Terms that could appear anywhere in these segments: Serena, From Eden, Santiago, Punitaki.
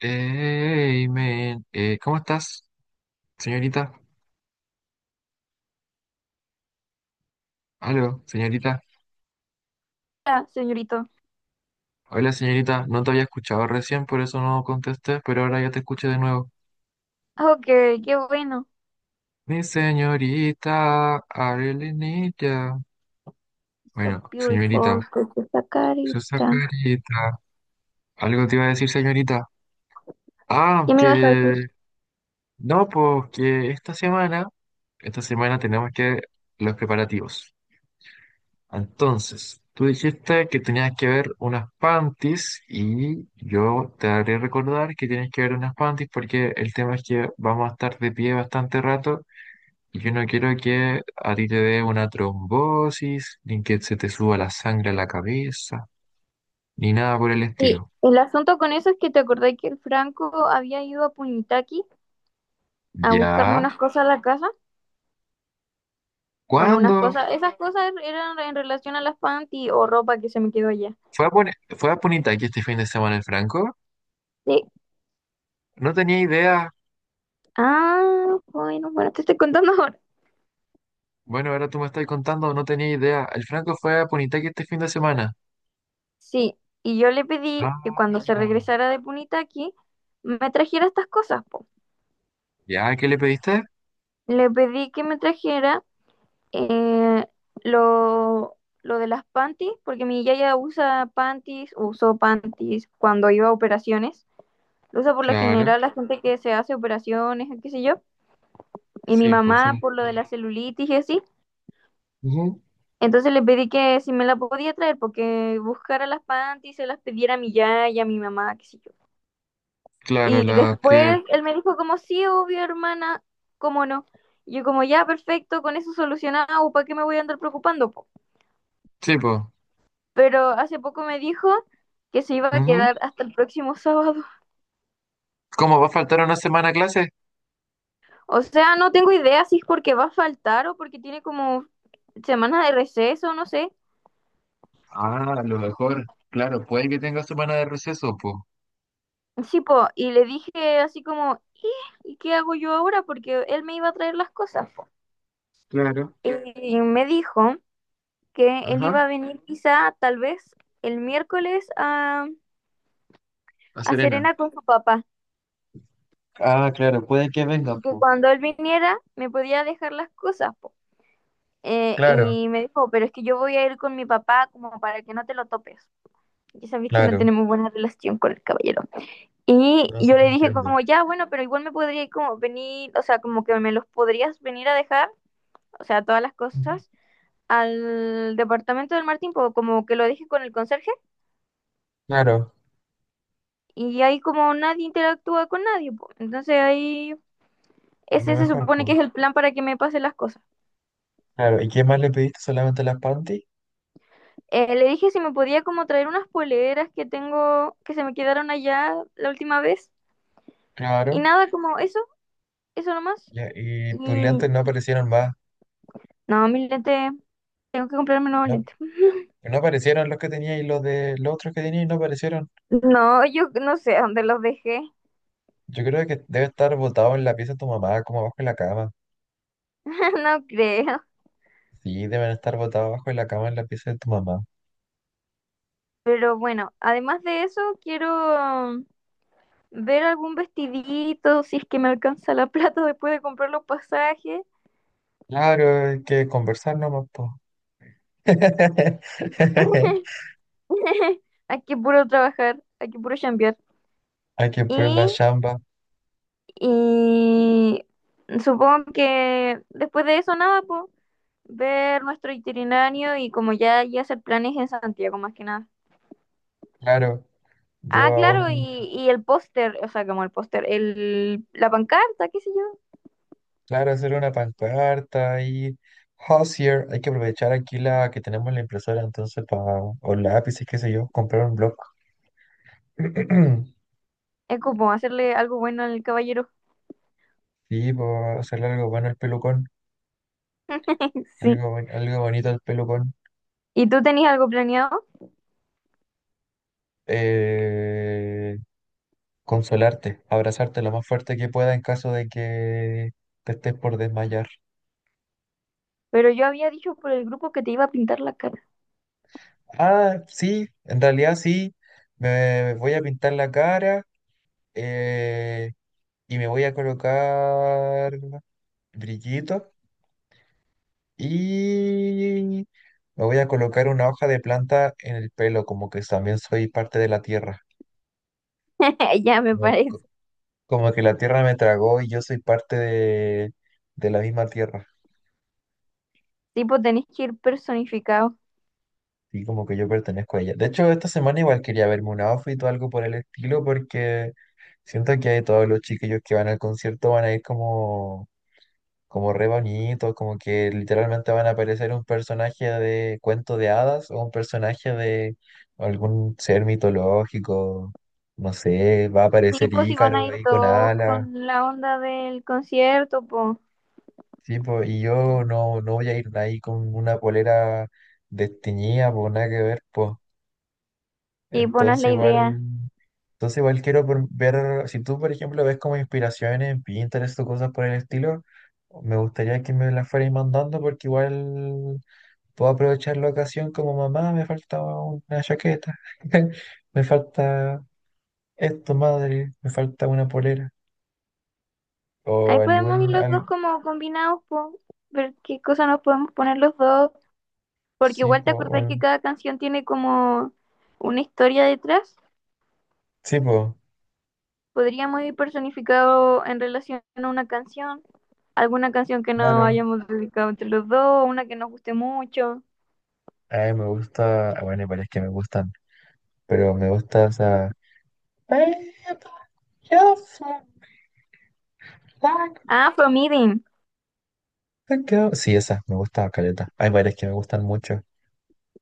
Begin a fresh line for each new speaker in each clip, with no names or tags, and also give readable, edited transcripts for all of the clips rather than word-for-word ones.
Hey, men, ¿cómo estás, señorita? Aló, señorita.
Ah, señorito.
Hola, señorita. No te había escuchado recién, por eso no contesté, pero ahora ya te escuché de nuevo.
Ok, qué bueno.
Mi señorita, I really need ya.
So
Bueno,
beautiful,
señorita,
con esa
su
carita.
carita. Algo te iba a decir, señorita. Ah,
¿Qué me ibas a decir?
que... No, pues que esta semana tenemos que los preparativos. Entonces, tú dijiste que tenías que ver unas panties y yo te haré recordar que tienes que ver unas panties porque el tema es que vamos a estar de pie bastante rato y yo no quiero que a ti te dé una trombosis, ni que se te suba la sangre a la cabeza, ni nada por el
Y
estilo.
el asunto con eso es que te acordé que el Franco había ido a Punitaki a buscarme
¿Ya?
unas cosas a la casa. Bueno, unas
¿Cuándo?
cosas, esas cosas eran en relación a las panty o ropa que se me quedó allá.
¿Fue a, fue a Punita aquí este fin de semana el Franco?
Sí.
No tenía idea.
Ah, bueno, te estoy contando ahora.
Bueno, ahora tú me estás contando, no tenía idea. El Franco fue a Punitaqui este fin de semana.
Sí, y yo le pedí que cuando se
Ah.
regresara de Punitaki me trajera estas cosas, po.
¿Ya? ¿Qué le pediste?
Le pedí que me trajera Eh, lo, lo de las panties, porque mi yaya usa panties, usó panties cuando iba a operaciones. Lo usa por lo
Claro,
general la gente que se hace operaciones, qué sé yo. Y mi
sí, pues
mamá
son...
por lo de la celulitis y así.
Ujú.
Entonces le pedí que si me la podía traer, porque buscara las panties, se las pidiera a mi yaya, a mi mamá, qué sé yo.
Claro,
Y
la que...
después él me dijo como, sí, obvio, hermana, cómo no. Y yo como, ya, perfecto, con eso solucionado, ¿para qué me voy a andar preocupando, po?
Sí, pues...
Pero hace poco me dijo que se iba a
Ujú.
quedar hasta el próximo sábado.
¿Cómo va a faltar una semana a clase?
O sea, no tengo idea si es porque va a faltar o porque tiene como semana de receso, no sé.
Ah, a lo mejor. Claro, puede que tenga semana de receso, pues.
Sí, po, y le dije así como, ¿y qué hago yo ahora? Porque él me iba a traer las cosas, po.
Claro.
Y me dijo que él
Ajá,
iba a venir quizá tal vez el miércoles a,
a
a
Serena.
Serena con su papá
Ah, claro, puede que venga,
y que
pues.
cuando él viniera me podía dejar las cosas, po. Eh,
Claro,
y me dijo, pero es que yo voy a ir con mi papá como para que no te lo topes. Ya sabéis que no
claro.
tenemos buena relación con el caballero. Y
No,
yo
sí,
le
yo
dije
entiendo.
como, ya, bueno, pero igual me podría como venir, o sea, como que me los podrías venir a dejar, o sea, todas las
Ujú.
cosas, al departamento del Martín, po, como que lo dije con el conserje,
Claro,
y ahí como nadie interactúa con nadie, po. Entonces ahí
lo
ese se
mejor,
supone
pues.
que es el plan para que me pasen las cosas.
Claro, ¿y qué más le pediste? ¿Solamente las panties?
Le dije si me podía como traer unas poleras que tengo, que se me quedaron allá la última vez. Y
Claro.
nada, como eso nomás.
Ya, ¿y tus
Y
lentes no aparecieron más?
no, mis lentes, tengo que comprarme nuevos
No,
lentes.
no aparecieron los que tenía y los de los otros que tenía y no aparecieron.
No, yo no sé dónde los dejé,
Yo creo que debe estar botado en la pieza de tu mamá, como abajo en la cama.
no creo.
Sí, deben estar botados abajo en la cama en la pieza de tu mamá.
Pero bueno, además de eso, quiero ver algún vestidito, si es que me alcanza la plata después de comprar los pasajes.
Claro, hay que conversar nomás, po.
Hay que puro trabajar, hay que puro chambear.
Hay que poner la
Y,
chamba.
y supongo que después de eso nada, pues ver nuestro itinerario y como ya, ya hacer planes en Santiago más que nada.
Claro, yo
Ah, claro, y,
aún,
y el póster, o sea, como el póster, el, la pancarta, qué sé yo.
claro, hacer una pancarta y Hozier. Hay que aprovechar aquí la que tenemos la impresora, entonces, para, o lápices, qué sé yo, comprar un bloc.
Es como hacerle algo bueno al caballero.
Sí, para hacerle algo bueno al pelucón.
Sí.
Algo, algo bonito al pelucón.
¿Y tú tenías algo planeado?
Eh, Consolarte, abrazarte lo más fuerte que pueda en caso de que te estés por desmayar.
Pero yo había dicho por el grupo que te iba a pintar la cara.
Ah, sí, en realidad sí. Me voy a pintar la cara, eh, y me voy a colocar brillitos y me voy a colocar una hoja de planta en el pelo, como que también soy parte de la tierra.
Ya me
Como,
parece.
co- como que la tierra me tragó y yo soy parte de la misma tierra.
Tipo, tenés que ir personificado.
Sí, como que yo pertenezco a ella. De hecho, esta semana igual quería verme un outfit o algo por el estilo porque siento que todos los chiquillos que van al concierto van a ir como, como re bonitos, como que literalmente van a aparecer un personaje de cuento de hadas o un personaje de algún ser mitológico, no sé, va a
Sí,
aparecer
pues si van a
Ícaro
ir
ahí con
todos
alas.
con la onda del concierto, pues.
Sí, po, y yo no, no voy a ir ahí con una polera desteñida, por nada que ver, pues.
Sí, pues no es
Entonces
la
igual,
idea.
entonces igual quiero ver, si tú por ejemplo ves como inspiraciones en Pinterest o cosas por el estilo, me gustaría que me las fueras mandando porque igual puedo aprovechar la ocasión como mamá, me falta una chaqueta, me falta esto, madre, me falta una polera o
Ahí podemos ir
algún,
los dos como combinados, po, ver qué cosa nos podemos poner los dos, porque
sí,
igual
po,
te acordás que cada canción tiene como una historia detrás.
sí, po,
Podríamos ir personificado en relación a una canción, alguna canción que nos
claro.
hayamos dedicado entre los dos, una que nos guste mucho.
A me gusta, ah, bueno, parece que me gustan, pero me gusta esa...
Ah, From Eden.
Sí, esa, me gusta caleta. Hay varias que me gustan mucho.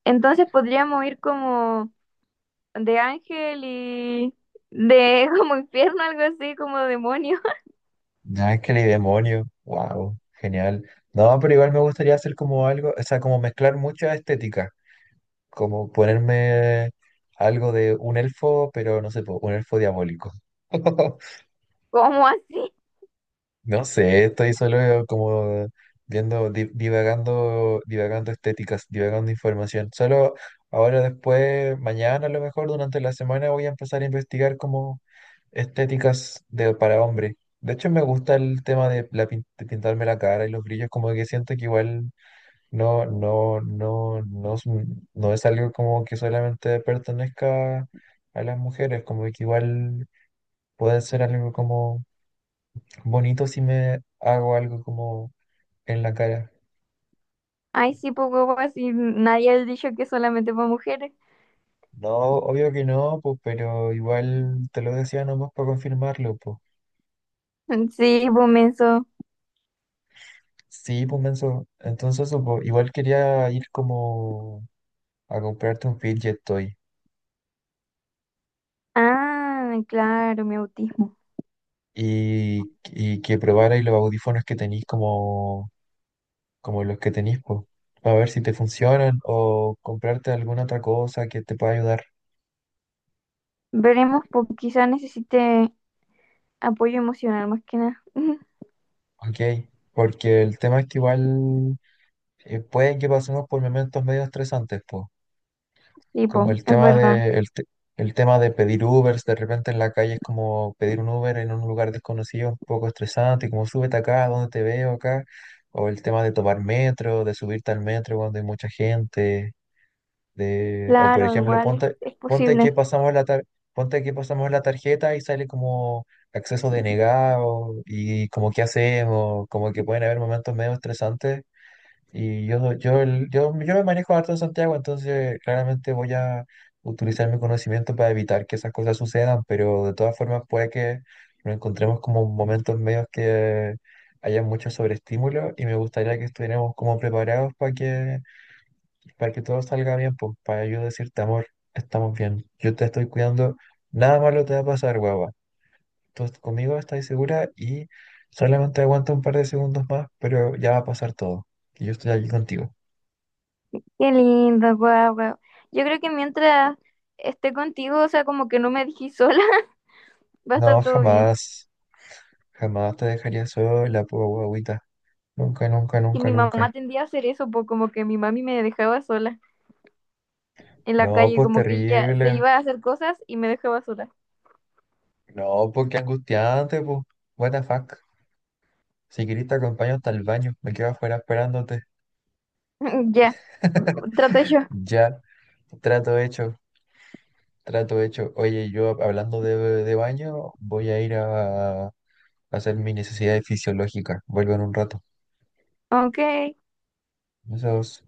Entonces podríamos ir como de ángel y de como infierno, algo así, como demonio.
Ángel y Demonio, wow, genial. No, pero igual me gustaría hacer como algo, o sea, como mezclar mucha estética, como ponerme algo de un elfo, pero no sé, po, un elfo diabólico.
¿Cómo así?
No sé, estoy solo como viendo, divagando, divagando estéticas, divagando información. Solo ahora después, mañana a lo mejor, durante la semana voy a empezar a investigar como estéticas de, para hombre. De hecho, me gusta el tema de, la, de pintarme la cara y los brillos, como que siento que igual no, es no es algo como que solamente pertenezca a las mujeres, como que igual puede ser algo como bonito si me hago algo como en la cara.
Ay, sí, pues huevo, así nadie ha dicho que es solamente para mujeres.
No, obvio que no, pues, pero igual te lo decía nomás para confirmarlo, pues.
Sí, pues menso.
Sí, pues, menso. Entonces, eso, pues, igual quería ir como a comprarte un fidget toy
Ah, claro, mi autismo.
y que probarais los audífonos que tenéis como, como los que tenéis, pues, para ver si te funcionan o comprarte alguna otra cosa que te pueda ayudar.
Veremos, pues quizá necesite apoyo emocional más que nada.
Ok, porque el tema es que igual pueden que pasemos por momentos medio estresantes, pues.
Sí, pues,
Como el
es
tema
verdad.
de, el, el tema de pedir Ubers, de repente en la calle es como pedir un Uber en un lugar desconocido, un poco estresante, como súbete acá, ¿dónde te veo acá? O el tema de tomar metro, de subirte al metro cuando hay mucha gente, de, o por
Claro,
ejemplo,
igual es,
ponte,
es
ponte
posible.
que pasamos la tar- ponte que pasamos la tarjeta y sale como acceso denegado y como qué hacemos, como que pueden haber momentos medio estresantes y yo me manejo harto en Santiago, entonces claramente voy a utilizar mi conocimiento para evitar que esas cosas sucedan, pero de todas formas puede que nos encontremos como momentos medios que haya mucho sobreestímulo y me gustaría que estuviéramos como preparados para que todo salga bien, pues para yo decirte, amor, estamos bien, yo te estoy cuidando, nada malo te va a pasar, guava. Conmigo estás segura y solamente aguanta un par de segundos más, pero ya va a pasar todo. Y yo estoy aquí contigo.
Qué lindo, guau, guau. Yo creo que mientras esté contigo, o sea, como que no me dejé sola, va a
No,
estar todo bien.
jamás, jamás te dejaría sola, po, guagüita. Nunca, nunca,
Que
nunca,
mi mamá
nunca.
tendía a hacer eso, pues como que mi mami me dejaba sola en la
No,
calle,
pues
como que ella se
terrible.
iba a hacer cosas y me dejaba sola.
No, pues qué angustiante, pues. What the fuck. Si querés te acompaño hasta el baño. Me quedo afuera esperándote.
Ya, mm, traté yo.
Ya, trato hecho, trato hecho. Oye, yo hablando de baño, voy a ir a hacer mis necesidades fisiológicas. Vuelvo en un rato.
Ok,
Besos.